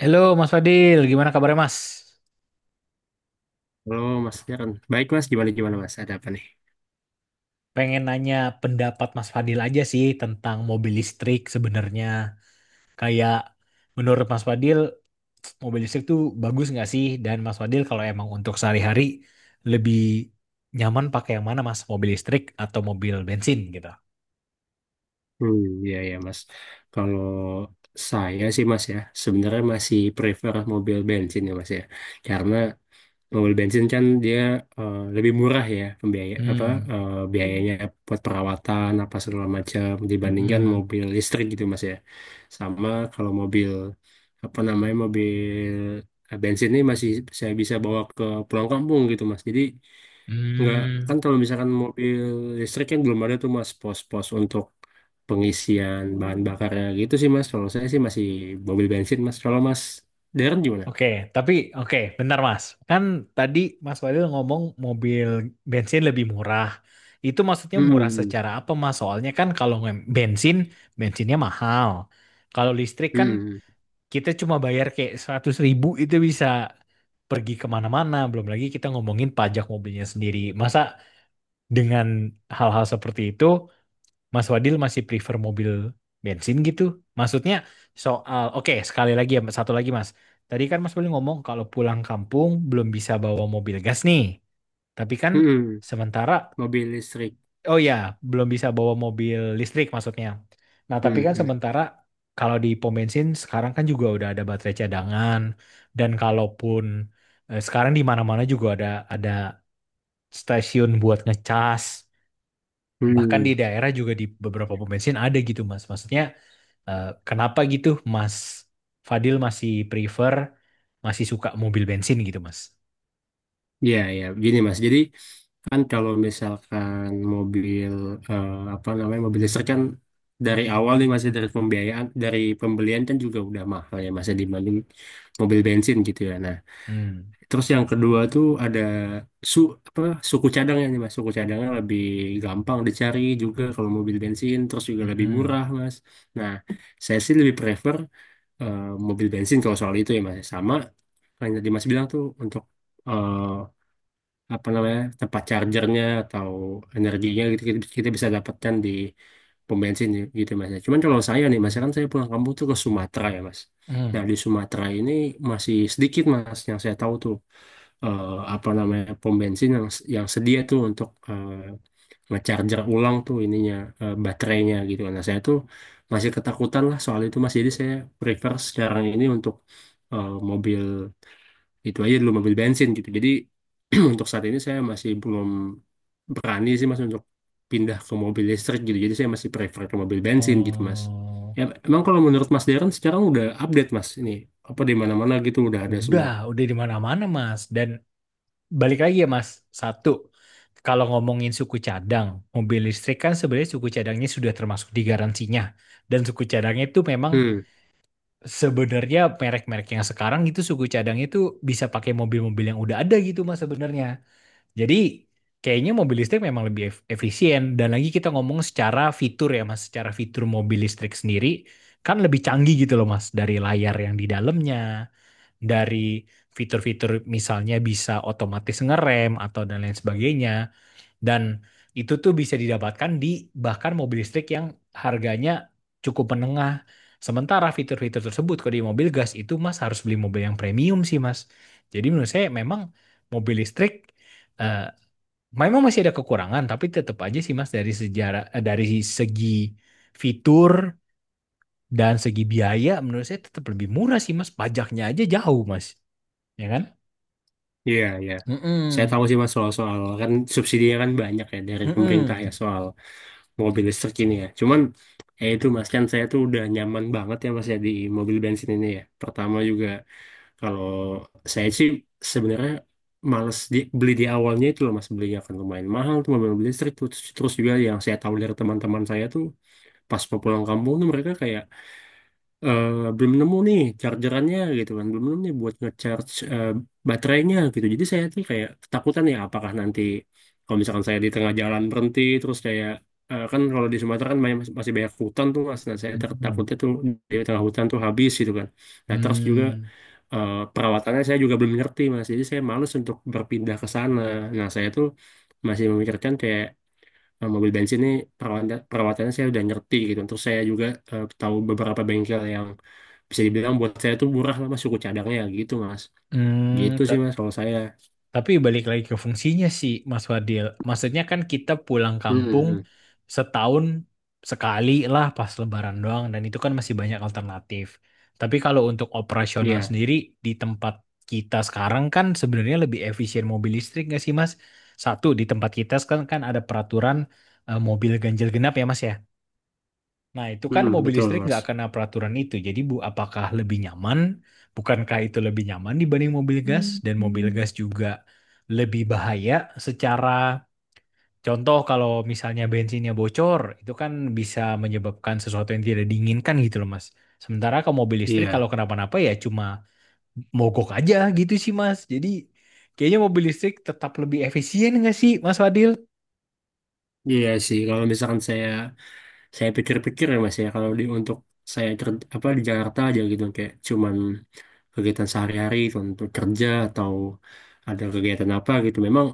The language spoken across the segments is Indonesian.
Halo Mas Fadil, gimana kabarnya Mas? Halo Mas Darren. Baik Mas, gimana gimana Mas? Ada apa nih? Pengen nanya pendapat Mas Fadil aja sih tentang mobil listrik sebenarnya. Kayak menurut Mas Fadil, mobil listrik tuh bagus nggak sih? Dan Mas Fadil kalau emang untuk sehari-hari lebih nyaman pakai yang mana Mas? Mobil listrik atau mobil bensin gitu? Hmm, ya ya Mas. Kalau saya sih Mas ya, sebenarnya masih prefer mobil bensin ya Mas ya. Karena mobil bensin kan dia lebih murah ya pembiaya apa Hmm. Biayanya buat perawatan apa segala macam dibandingkan Mm-mm. mobil listrik gitu mas ya. Sama kalau mobil apa namanya mobil bensin ini masih saya bisa bawa ke pulang kampung gitu mas, jadi nggak. Kan Hmm. kalau misalkan mobil listrik kan belum ada tuh mas pos-pos untuk pengisian bahan bakarnya, gitu sih mas. Kalau saya sih masih mobil bensin mas. Kalau mas Darren gimana? Oke, tapi oke, bentar Mas. Kan tadi Mas Walil ngomong mobil bensin lebih murah. Itu maksudnya murah Hmm, secara apa Mas? Soalnya kan kalau bensin, bensinnya mahal. Kalau listrik kan hmm, kita cuma bayar kayak 100.000 itu bisa pergi kemana-mana. Belum lagi kita ngomongin pajak mobilnya sendiri. Masa dengan hal-hal seperti itu, Mas Wadil masih prefer mobil bensin gitu? Maksudnya soal, oke sekali lagi ya, satu lagi Mas. Tadi kan Mas Wadil ngomong kalau pulang kampung belum bisa bawa mobil gas nih. Tapi kan hmm. sementara, Mobil listrik. oh ya, belum bisa bawa mobil listrik maksudnya. Nah tapi Hmm, kan hmm, sementara kalau di pom bensin sekarang kan juga udah ada baterai cadangan. Dan kalaupun sekarang di mana-mana juga ada stasiun buat ngecas. Bahkan hmm. di daerah juga di beberapa pom bensin ada gitu Mas. Maksudnya kenapa gitu Mas Fadil masih suka mobil bensin gitu Mas? Ya, ya, gini Mas. Jadi kan kalau misalkan mobil apa namanya mobil listrik kan dari awal nih masih dari pembiayaan dari pembelian kan juga udah mahal ya masih dibanding mobil bensin gitu ya. Nah, Hmm. terus yang kedua tuh ada su apa suku cadangnya nih Mas. Suku cadangnya lebih gampang dicari juga kalau mobil bensin, terus juga lebih Mm-mm. murah Mas. Nah, saya sih lebih prefer eh, mobil bensin kalau soal itu ya mas. Sama kan tadi mas bilang tuh untuk eh, apa namanya tempat chargernya atau energinya gitu kita bisa dapatkan di pom bensin ya, gitu mas ya. Cuman kalau saya nih mas ya, kan saya pulang kampung tuh ke Sumatera ya mas. Nah Mm. di Sumatera ini masih sedikit mas yang saya tahu tuh eh, apa namanya pom bensin yang sedia tuh untuk ngecharger ulang tuh ininya, baterainya gitu kan. Nah, saya tuh masih ketakutan lah soal itu Mas. Jadi saya prefer sekarang ini untuk mobil itu aja dulu, mobil bensin gitu. Jadi untuk saat ini saya masih belum berani sih Mas untuk pindah ke mobil listrik gitu. Jadi saya masih prefer ke mobil bensin gitu Mas. Oh, Ya, emang kalau menurut Mas Darren sekarang udah update Mas ini apa di mana-mana gitu udah ada udah, semua. udah di mana-mana Mas. Dan balik lagi ya Mas, satu, kalau ngomongin suku cadang, mobil listrik kan sebenarnya suku cadangnya sudah termasuk di garansinya. Dan suku cadangnya itu memang Hmm, sebenarnya merek-merek yang sekarang itu suku cadangnya itu bisa pakai mobil-mobil yang udah ada gitu Mas sebenarnya. Jadi kayaknya mobil listrik memang lebih efisien dan lagi kita ngomong secara fitur ya Mas, secara fitur mobil listrik sendiri kan lebih canggih gitu loh Mas, dari layar yang di dalamnya, dari fitur-fitur misalnya bisa otomatis ngerem atau dan lain sebagainya dan itu tuh bisa didapatkan di bahkan mobil listrik yang harganya cukup menengah. Sementara fitur-fitur tersebut kalau di mobil gas itu Mas harus beli mobil yang premium sih Mas. Jadi menurut saya memang mobil listrik eh, memang masih ada kekurangan, tapi tetap aja sih Mas dari sejarah dari segi fitur dan segi biaya menurut saya tetap lebih murah sih Mas. Pajaknya aja jauh Mas, ya kan? iya iya. Saya Mm-mm. tahu sih Mas soal-soal kan subsidinya kan banyak ya dari pemerintah ya Mm-mm. soal mobil listrik ini ya. Cuman ya itu Mas, kan saya tuh udah nyaman banget ya Mas ya di mobil bensin ini ya. Pertama juga kalau saya sih sebenarnya males beli di awalnya itu loh Mas, belinya kan lumayan mahal tuh mobil, mobil listrik tuh. Terus terus juga yang saya tahu dari teman-teman saya tuh pas mau pulang kampung tuh mereka kayak eh, belum nemu nih chargerannya gitu kan, belum nemu nih buat ngecharge baterainya gitu. Jadi saya tuh kayak ketakutan ya apakah nanti kalau misalkan saya di tengah jalan berhenti terus kayak kan kalau di Sumatera kan masih banyak hutan tuh mas. Nah saya Mm-mm. takutnya tuh di tengah hutan tuh habis gitu kan. Nah terus juga Hmm. Perawatannya saya juga belum ngerti mas, jadi saya males untuk berpindah ke sana. Nah saya tuh masih memikirkan kayak mobil bensin ini perawatan perawatannya saya udah ngerti gitu. Terus saya juga tahu beberapa bengkel yang bisa dibilang buat saya tuh murah lah mas, suku cadangnya gitu mas. Hmm. Gitu sih mas kalau saya. Tapi balik lagi ke fungsinya sih, Mas Fadil. Maksudnya kan kita pulang Hmm, kampung hmm. setahun sekali lah pas Lebaran doang, dan itu kan masih banyak alternatif. Tapi kalau untuk operasional Iya. sendiri di tempat kita sekarang kan sebenarnya lebih efisien mobil listrik nggak sih, Mas? Satu, di tempat kita sekarang kan ada peraturan mobil ganjil genap ya, Mas ya. Nah, itu kan Hmm, mobil betul listrik mas. nggak kena peraturan itu. Jadi, Bu, apakah lebih nyaman? Bukankah itu lebih nyaman dibanding mobil gas? Dan mobil Mhm. gas juga lebih bahaya secara contoh kalau misalnya bensinnya bocor, itu kan bisa menyebabkan sesuatu yang tidak diinginkan gitu loh, Mas. Sementara kalau mobil listrik kalau Iya. kenapa-napa ya cuma mogok aja gitu sih, Mas. Jadi, kayaknya mobil listrik tetap lebih efisien nggak sih, Mas Fadil? Iya sih kalau misalkan saya pikir-pikir ya mas ya, kalau di untuk saya apa di Jakarta aja gitu kayak cuman kegiatan sehari-hari untuk kerja atau ada kegiatan apa gitu memang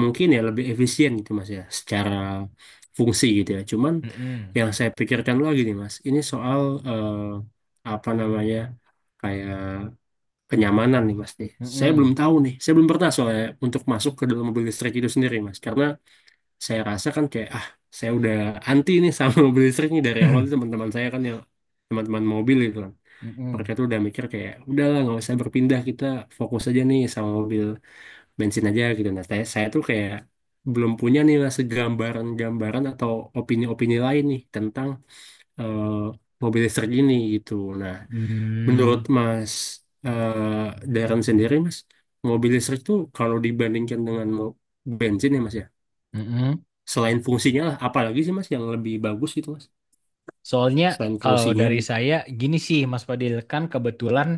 mungkin ya lebih efisien gitu mas ya secara fungsi gitu ya. Cuman Mm-mm. yang saya pikirkan lagi nih mas ini soal eh, apa namanya kayak kenyamanan nih mas nih. Saya belum Mm-mm. tahu nih, saya belum pernah soalnya untuk masuk ke dalam mobil listrik itu sendiri mas, karena saya rasa kan kayak ah saya udah anti nih sama mobil listrik nih dari awal. Teman-teman saya kan yang teman-teman mobil gitu kan, mereka Mm-mm. tuh udah mikir kayak udahlah nggak usah berpindah, kita fokus aja nih sama mobil bensin aja gitu. Nah, saya tuh kayak belum punya nih lah segambaran-gambaran atau opini-opini lain nih tentang eh, mobil listrik ini gitu. Nah, menurut Mm-mm. Mas eh Darren sendiri, Mas, mobil listrik tuh kalau dibandingkan dengan bensin ya, Mas ya, selain fungsinya lah, apalagi sih Mas yang lebih bagus gitu, Mas, Soalnya selain kalau fungsinya dari gitu. saya gini sih Mas Fadil kan kebetulan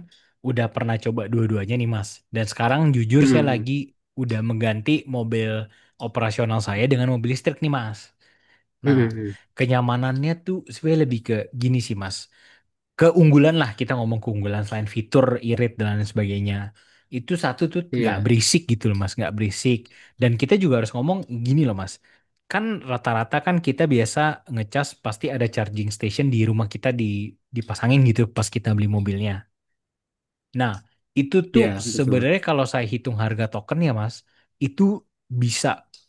udah pernah coba dua-duanya nih Mas. Dan sekarang jujur saya Hmm, lagi udah mengganti mobil operasional saya dengan mobil listrik nih Mas. hmm, Nah, hmm, hmm. Hmm, hmm. kenyamanannya tuh sebenarnya lebih ke gini sih Mas keunggulan lah kita ngomong keunggulan selain fitur, irit dan lain sebagainya. Itu satu tuh nggak Iya, berisik gitu loh mas, nggak berisik. Dan kita juga harus ngomong gini loh mas. Kan rata-rata kan kita biasa ngecas pasti ada charging station di rumah kita dipasangin gitu pas kita beli mobilnya. Nah, itu tuh iya betul. sebenarnya kalau saya hitung harga token ya Mas, itu bisa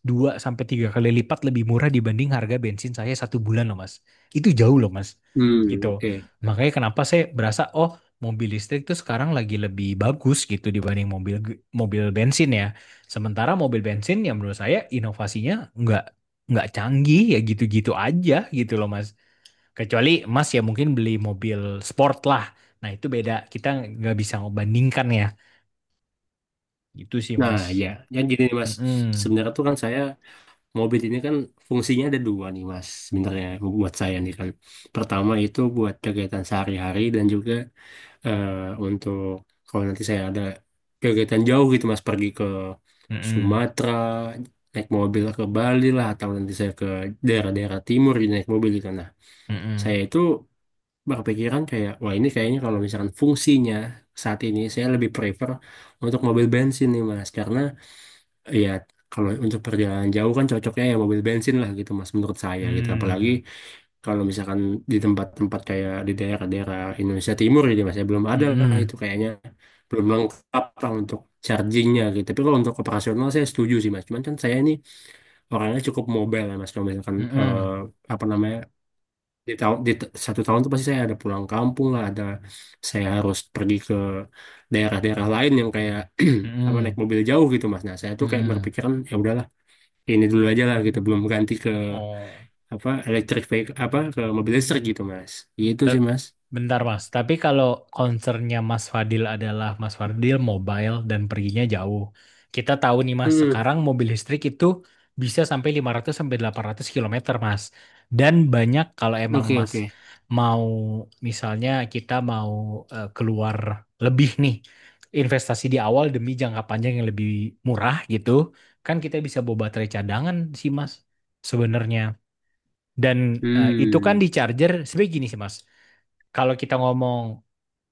2 sampai 3 kali lipat lebih murah dibanding harga bensin saya 1 bulan loh Mas. Itu jauh loh Mas. Hmm, Gitu. oke. Makanya kenapa saya berasa oh mobil listrik tuh sekarang lagi lebih bagus gitu dibanding mobil mobil bensin ya. Sementara mobil bensin yang menurut saya inovasinya nggak nggak canggih ya gitu-gitu aja gitu loh Mas. Kecuali Mas ya mungkin beli mobil sport lah. Nah itu beda. Kita nggak bisa ngebandingkan ya. Gitu sih Nah, Mas. ya, yang gini nih, Mas. Mm-mm. Sebenarnya tuh kan saya mobil ini kan fungsinya ada dua nih mas sebenarnya buat saya nih kan. Pertama itu buat kegiatan sehari-hari dan juga eh, untuk kalau nanti saya ada kegiatan jauh gitu mas, pergi ke Mm-mm. Sumatera, naik mobil ke Bali lah, atau nanti saya ke daerah-daerah timur gitu, naik mobil gitu. Nah Mm-mm. saya itu berpikiran kayak wah ini kayaknya kalau misalkan fungsinya saat ini saya lebih prefer untuk mobil bensin nih mas karena iya, kalau untuk perjalanan jauh kan cocoknya ya mobil bensin lah gitu Mas menurut saya gitu. Apalagi Mm. kalau misalkan di tempat-tempat kayak di daerah-daerah Indonesia Timur gitu Mas ya belum ada lah Mm-mm. itu kayaknya, belum lengkap lah untuk chargingnya gitu. Tapi kalau untuk operasional saya setuju sih Mas. Cuman kan saya ini orangnya cukup mobile ya Mas. Kalau misalkan Mm-mm. Apa namanya di satu tahun tuh pasti saya ada pulang kampung lah, ada saya harus pergi ke daerah-daerah lain yang kayak apa naik Mm-mm. mobil jauh gitu Mas. Nah, saya tuh kayak Mm-mm. berpikiran ya udahlah ini dulu aja lah gitu, belum ganti ke Oh. apa elektrik vehicle apa ke mobil listrik gitu mas. Itu Te- sih mas. Bentar Mas, tapi kalau concernnya Mas Fadil adalah Mas Fadil mobile dan perginya jauh. Kita tahu nih Mas, Hmm, sekarang mobil listrik itu bisa sampai 500 sampai 800 kilometer Mas. Dan banyak kalau emang oke Mas oke. mau misalnya kita mau keluar lebih nih, investasi di awal demi jangka panjang yang lebih murah gitu, kan kita bisa bawa baterai cadangan sih Mas sebenarnya. Dan itu kan Hmm, di charger, sebenarnya gini sih Mas kalau kita ngomong,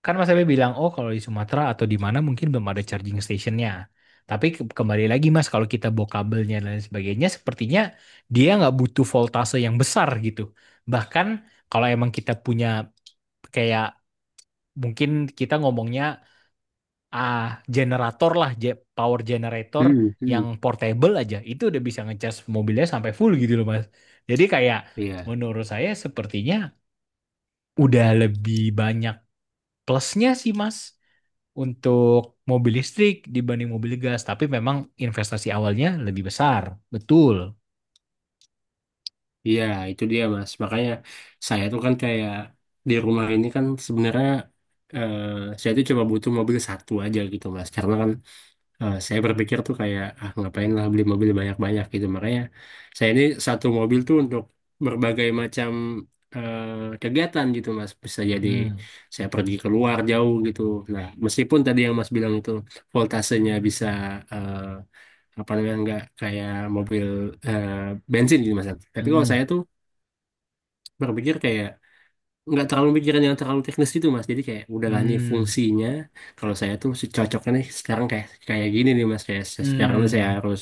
kan Mas Abe bilang, oh kalau di Sumatera atau di mana mungkin belum ada charging stationnya. Tapi kembali lagi Mas, kalau kita bawa kabelnya dan lain sebagainya, sepertinya dia nggak butuh voltase yang besar gitu. Bahkan kalau emang kita punya kayak mungkin kita ngomongnya ah generator lah, power generator hmm, yang hmm. portable aja, itu udah bisa ngecas mobilnya sampai full gitu loh Mas. Jadi kayak Iya, menurut saya sepertinya udah lebih banyak plusnya sih Mas, untuk mobil listrik dibanding mobil gas, tapi memang investasi awalnya lebih besar. Betul. iya itu dia mas, makanya saya tuh kan kayak di rumah ini kan sebenarnya eh, saya tuh cuma butuh mobil satu aja gitu mas, karena kan saya berpikir tuh kayak ah ngapain lah beli mobil banyak-banyak gitu. Makanya saya ini satu mobil tuh untuk berbagai macam eh, kegiatan gitu mas, bisa jadi Hmm. saya pergi keluar jauh gitu. Nah meskipun tadi yang mas bilang itu voltasenya bisa eh, apa namanya nggak kayak mobil eh, bensin gitu mas, tapi kalau Hmm. saya tuh berpikir kayak nggak terlalu mikirin yang terlalu teknis gitu mas. Jadi kayak udahlah nih Hmm. fungsinya, kalau saya tuh cocoknya nih sekarang kayak kayak gini nih mas, kayak sekarang nih saya Hmm. harus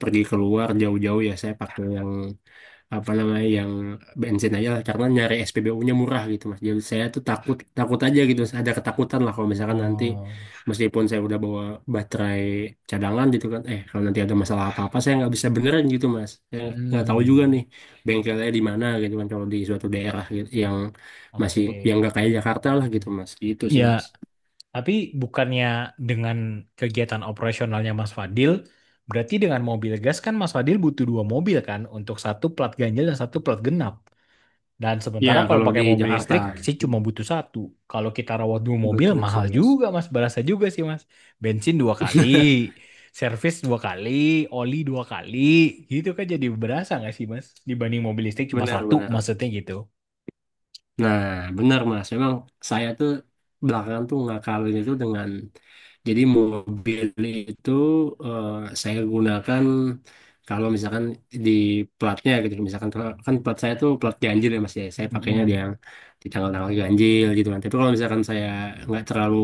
pergi keluar jauh-jauh ya saya pakai yang apa namanya yang bensin aja lah karena nyari SPBU-nya murah gitu mas. Jadi saya tuh takut takut aja gitu, ada ketakutan lah kalau misalkan nanti Oh. meskipun saya udah bawa baterai cadangan gitu kan, eh kalau nanti ada masalah apa-apa saya nggak bisa beneran gitu mas. Saya nggak tahu juga Hmm. nih bengkelnya di mana gitu kan kalau di suatu daerah gitu yang masih Oke. yang nggak kayak Jakarta lah gitu mas. Gitu sih Ya, mas. tapi bukannya dengan kegiatan operasionalnya Mas Fadil, berarti dengan mobil gas kan Mas Fadil butuh dua mobil kan untuk satu plat ganjil dan satu plat genap. Dan Ya sementara kalau kalau di pakai mobil Jakarta listrik sih cuma butuh satu. Kalau kita rawat dua mobil betul sih mahal mas. juga mas, berasa juga sih mas. Bensin dua kali, servis dua kali, oli dua kali, gitu kan jadi berasa nggak sih mas? Dibanding mobil listrik cuma satu, Benar-benar. maksudnya gitu. Nah, benar Mas. Memang saya tuh belakangan tuh ngakalin itu dengan jadi mobil itu eh, saya gunakan kalau misalkan di platnya gitu. Misalkan kan plat saya tuh plat ganjil ya Mas ya. Saya pakainya di Mm-mm. yang di tanggal-tanggal ganjil gitu kan. Tapi kalau misalkan saya nggak terlalu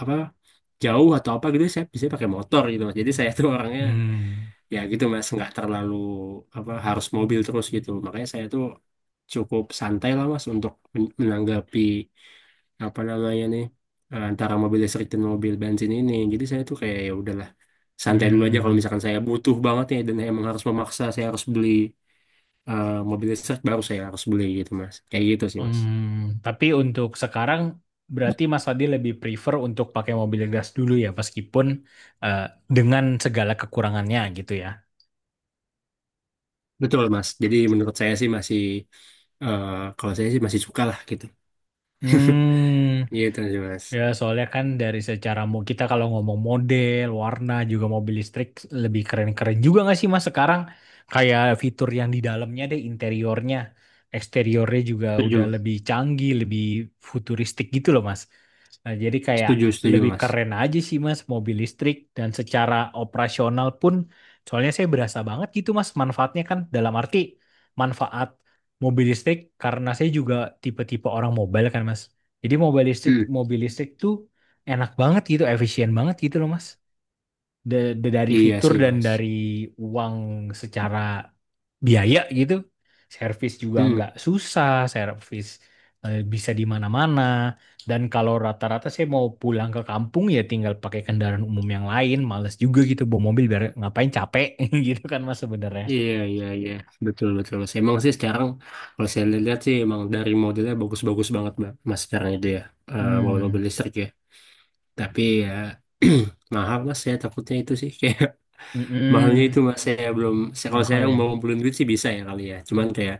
apa jauh atau apa gitu saya bisa pakai motor gitu Mas. Jadi saya tuh orangnya Hmm, ya gitu mas, nggak terlalu apa harus mobil terus gitu. Makanya saya tuh cukup santai lah mas untuk menanggapi apa namanya nih antara mobil listrik dan mobil bensin ini. Jadi saya tuh kayak ya udahlah santai dulu aja. Kalau hmm, misalkan saya butuh banget ya dan emang harus memaksa saya harus beli mobil listrik, baru saya harus beli gitu mas, kayak gitu sih mas. hmm. Tapi untuk sekarang berarti Mas Adi lebih prefer untuk pakai mobil gas dulu ya, meskipun eh, dengan segala kekurangannya gitu ya. Betul mas, jadi menurut saya sih masih eh, kalau saya sih masih suka lah gitu. Hmm. Gitu sih mas. Ya, soalnya kan dari secara mau kita kalau ngomong model, warna, juga mobil listrik lebih keren-keren juga nggak sih Mas sekarang? Kayak fitur yang di dalamnya deh, interiornya, eksteriornya juga udah Setuju, lebih canggih, lebih futuristik gitu loh Mas. Nah, jadi kayak setuju, setuju lebih mas. keren aja sih Mas mobil listrik dan secara operasional pun soalnya saya berasa banget gitu Mas manfaatnya kan dalam arti manfaat mobil listrik karena saya juga tipe-tipe orang mobile kan Mas. Jadi mobil listrik Hmm. mobil listrik tuh enak banget gitu, efisien banget gitu loh Mas. Dari Iya fitur sih dan Mas. dari uang secara biaya gitu. Servis juga Hmm. nggak susah, servis bisa di mana-mana. Dan kalau rata-rata saya mau pulang ke kampung ya tinggal pakai kendaraan umum yang lain. Males juga gitu bawa mobil biar ngapain capek gitu kan mas sebenarnya. Iya iya iya, betul betul Mas. Emang sih sekarang kalau saya lihat sih emang dari modelnya bagus-bagus banget Mbak, Mas sekarang itu ya, mobil-mobil Hmm. listrik ya. Tapi ya mahal Mas. Saya takutnya itu sih, kayak mahalnya Mm-mm. itu Mas. Saya belum. Saya, kalau saya Mahal ya. mau ngumpulin duit sih bisa ya kali ya. Cuman kayak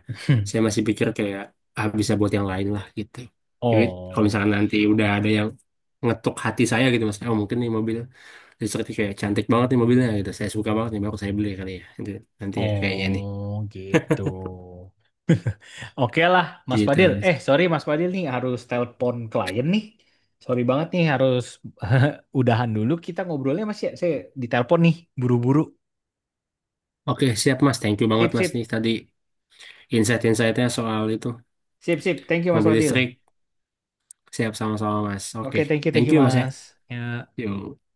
saya masih pikir kayak ah bisa buat yang lain lah gitu. Jadi kalau Oh, misalkan nanti udah ada yang ngetuk hati saya gitu Mas. Oh mungkin nih mobil terus kayak cantik banget nih mobilnya gitu. Saya suka banget nih, baru saya beli kali ya. Itu nanti ya kayaknya nih. oh gitu. Oke lah, Mas Gitu. Fadil. Mas. Sorry Mas Fadil nih harus telepon klien nih. Sorry banget nih harus udahan dulu. Kita ngobrolnya masih ya. Saya ditelepon nih, buru-buru. Oke, siap Mas. Thank you banget Sip, Mas sip. nih tadi insight-insightnya soal itu Sip, sip. Thank you Mas mobil Fadil. listrik. Siap sama-sama Mas. Oke. Oke, thank Thank you you Mas ya. Mas. Ya. Yuk.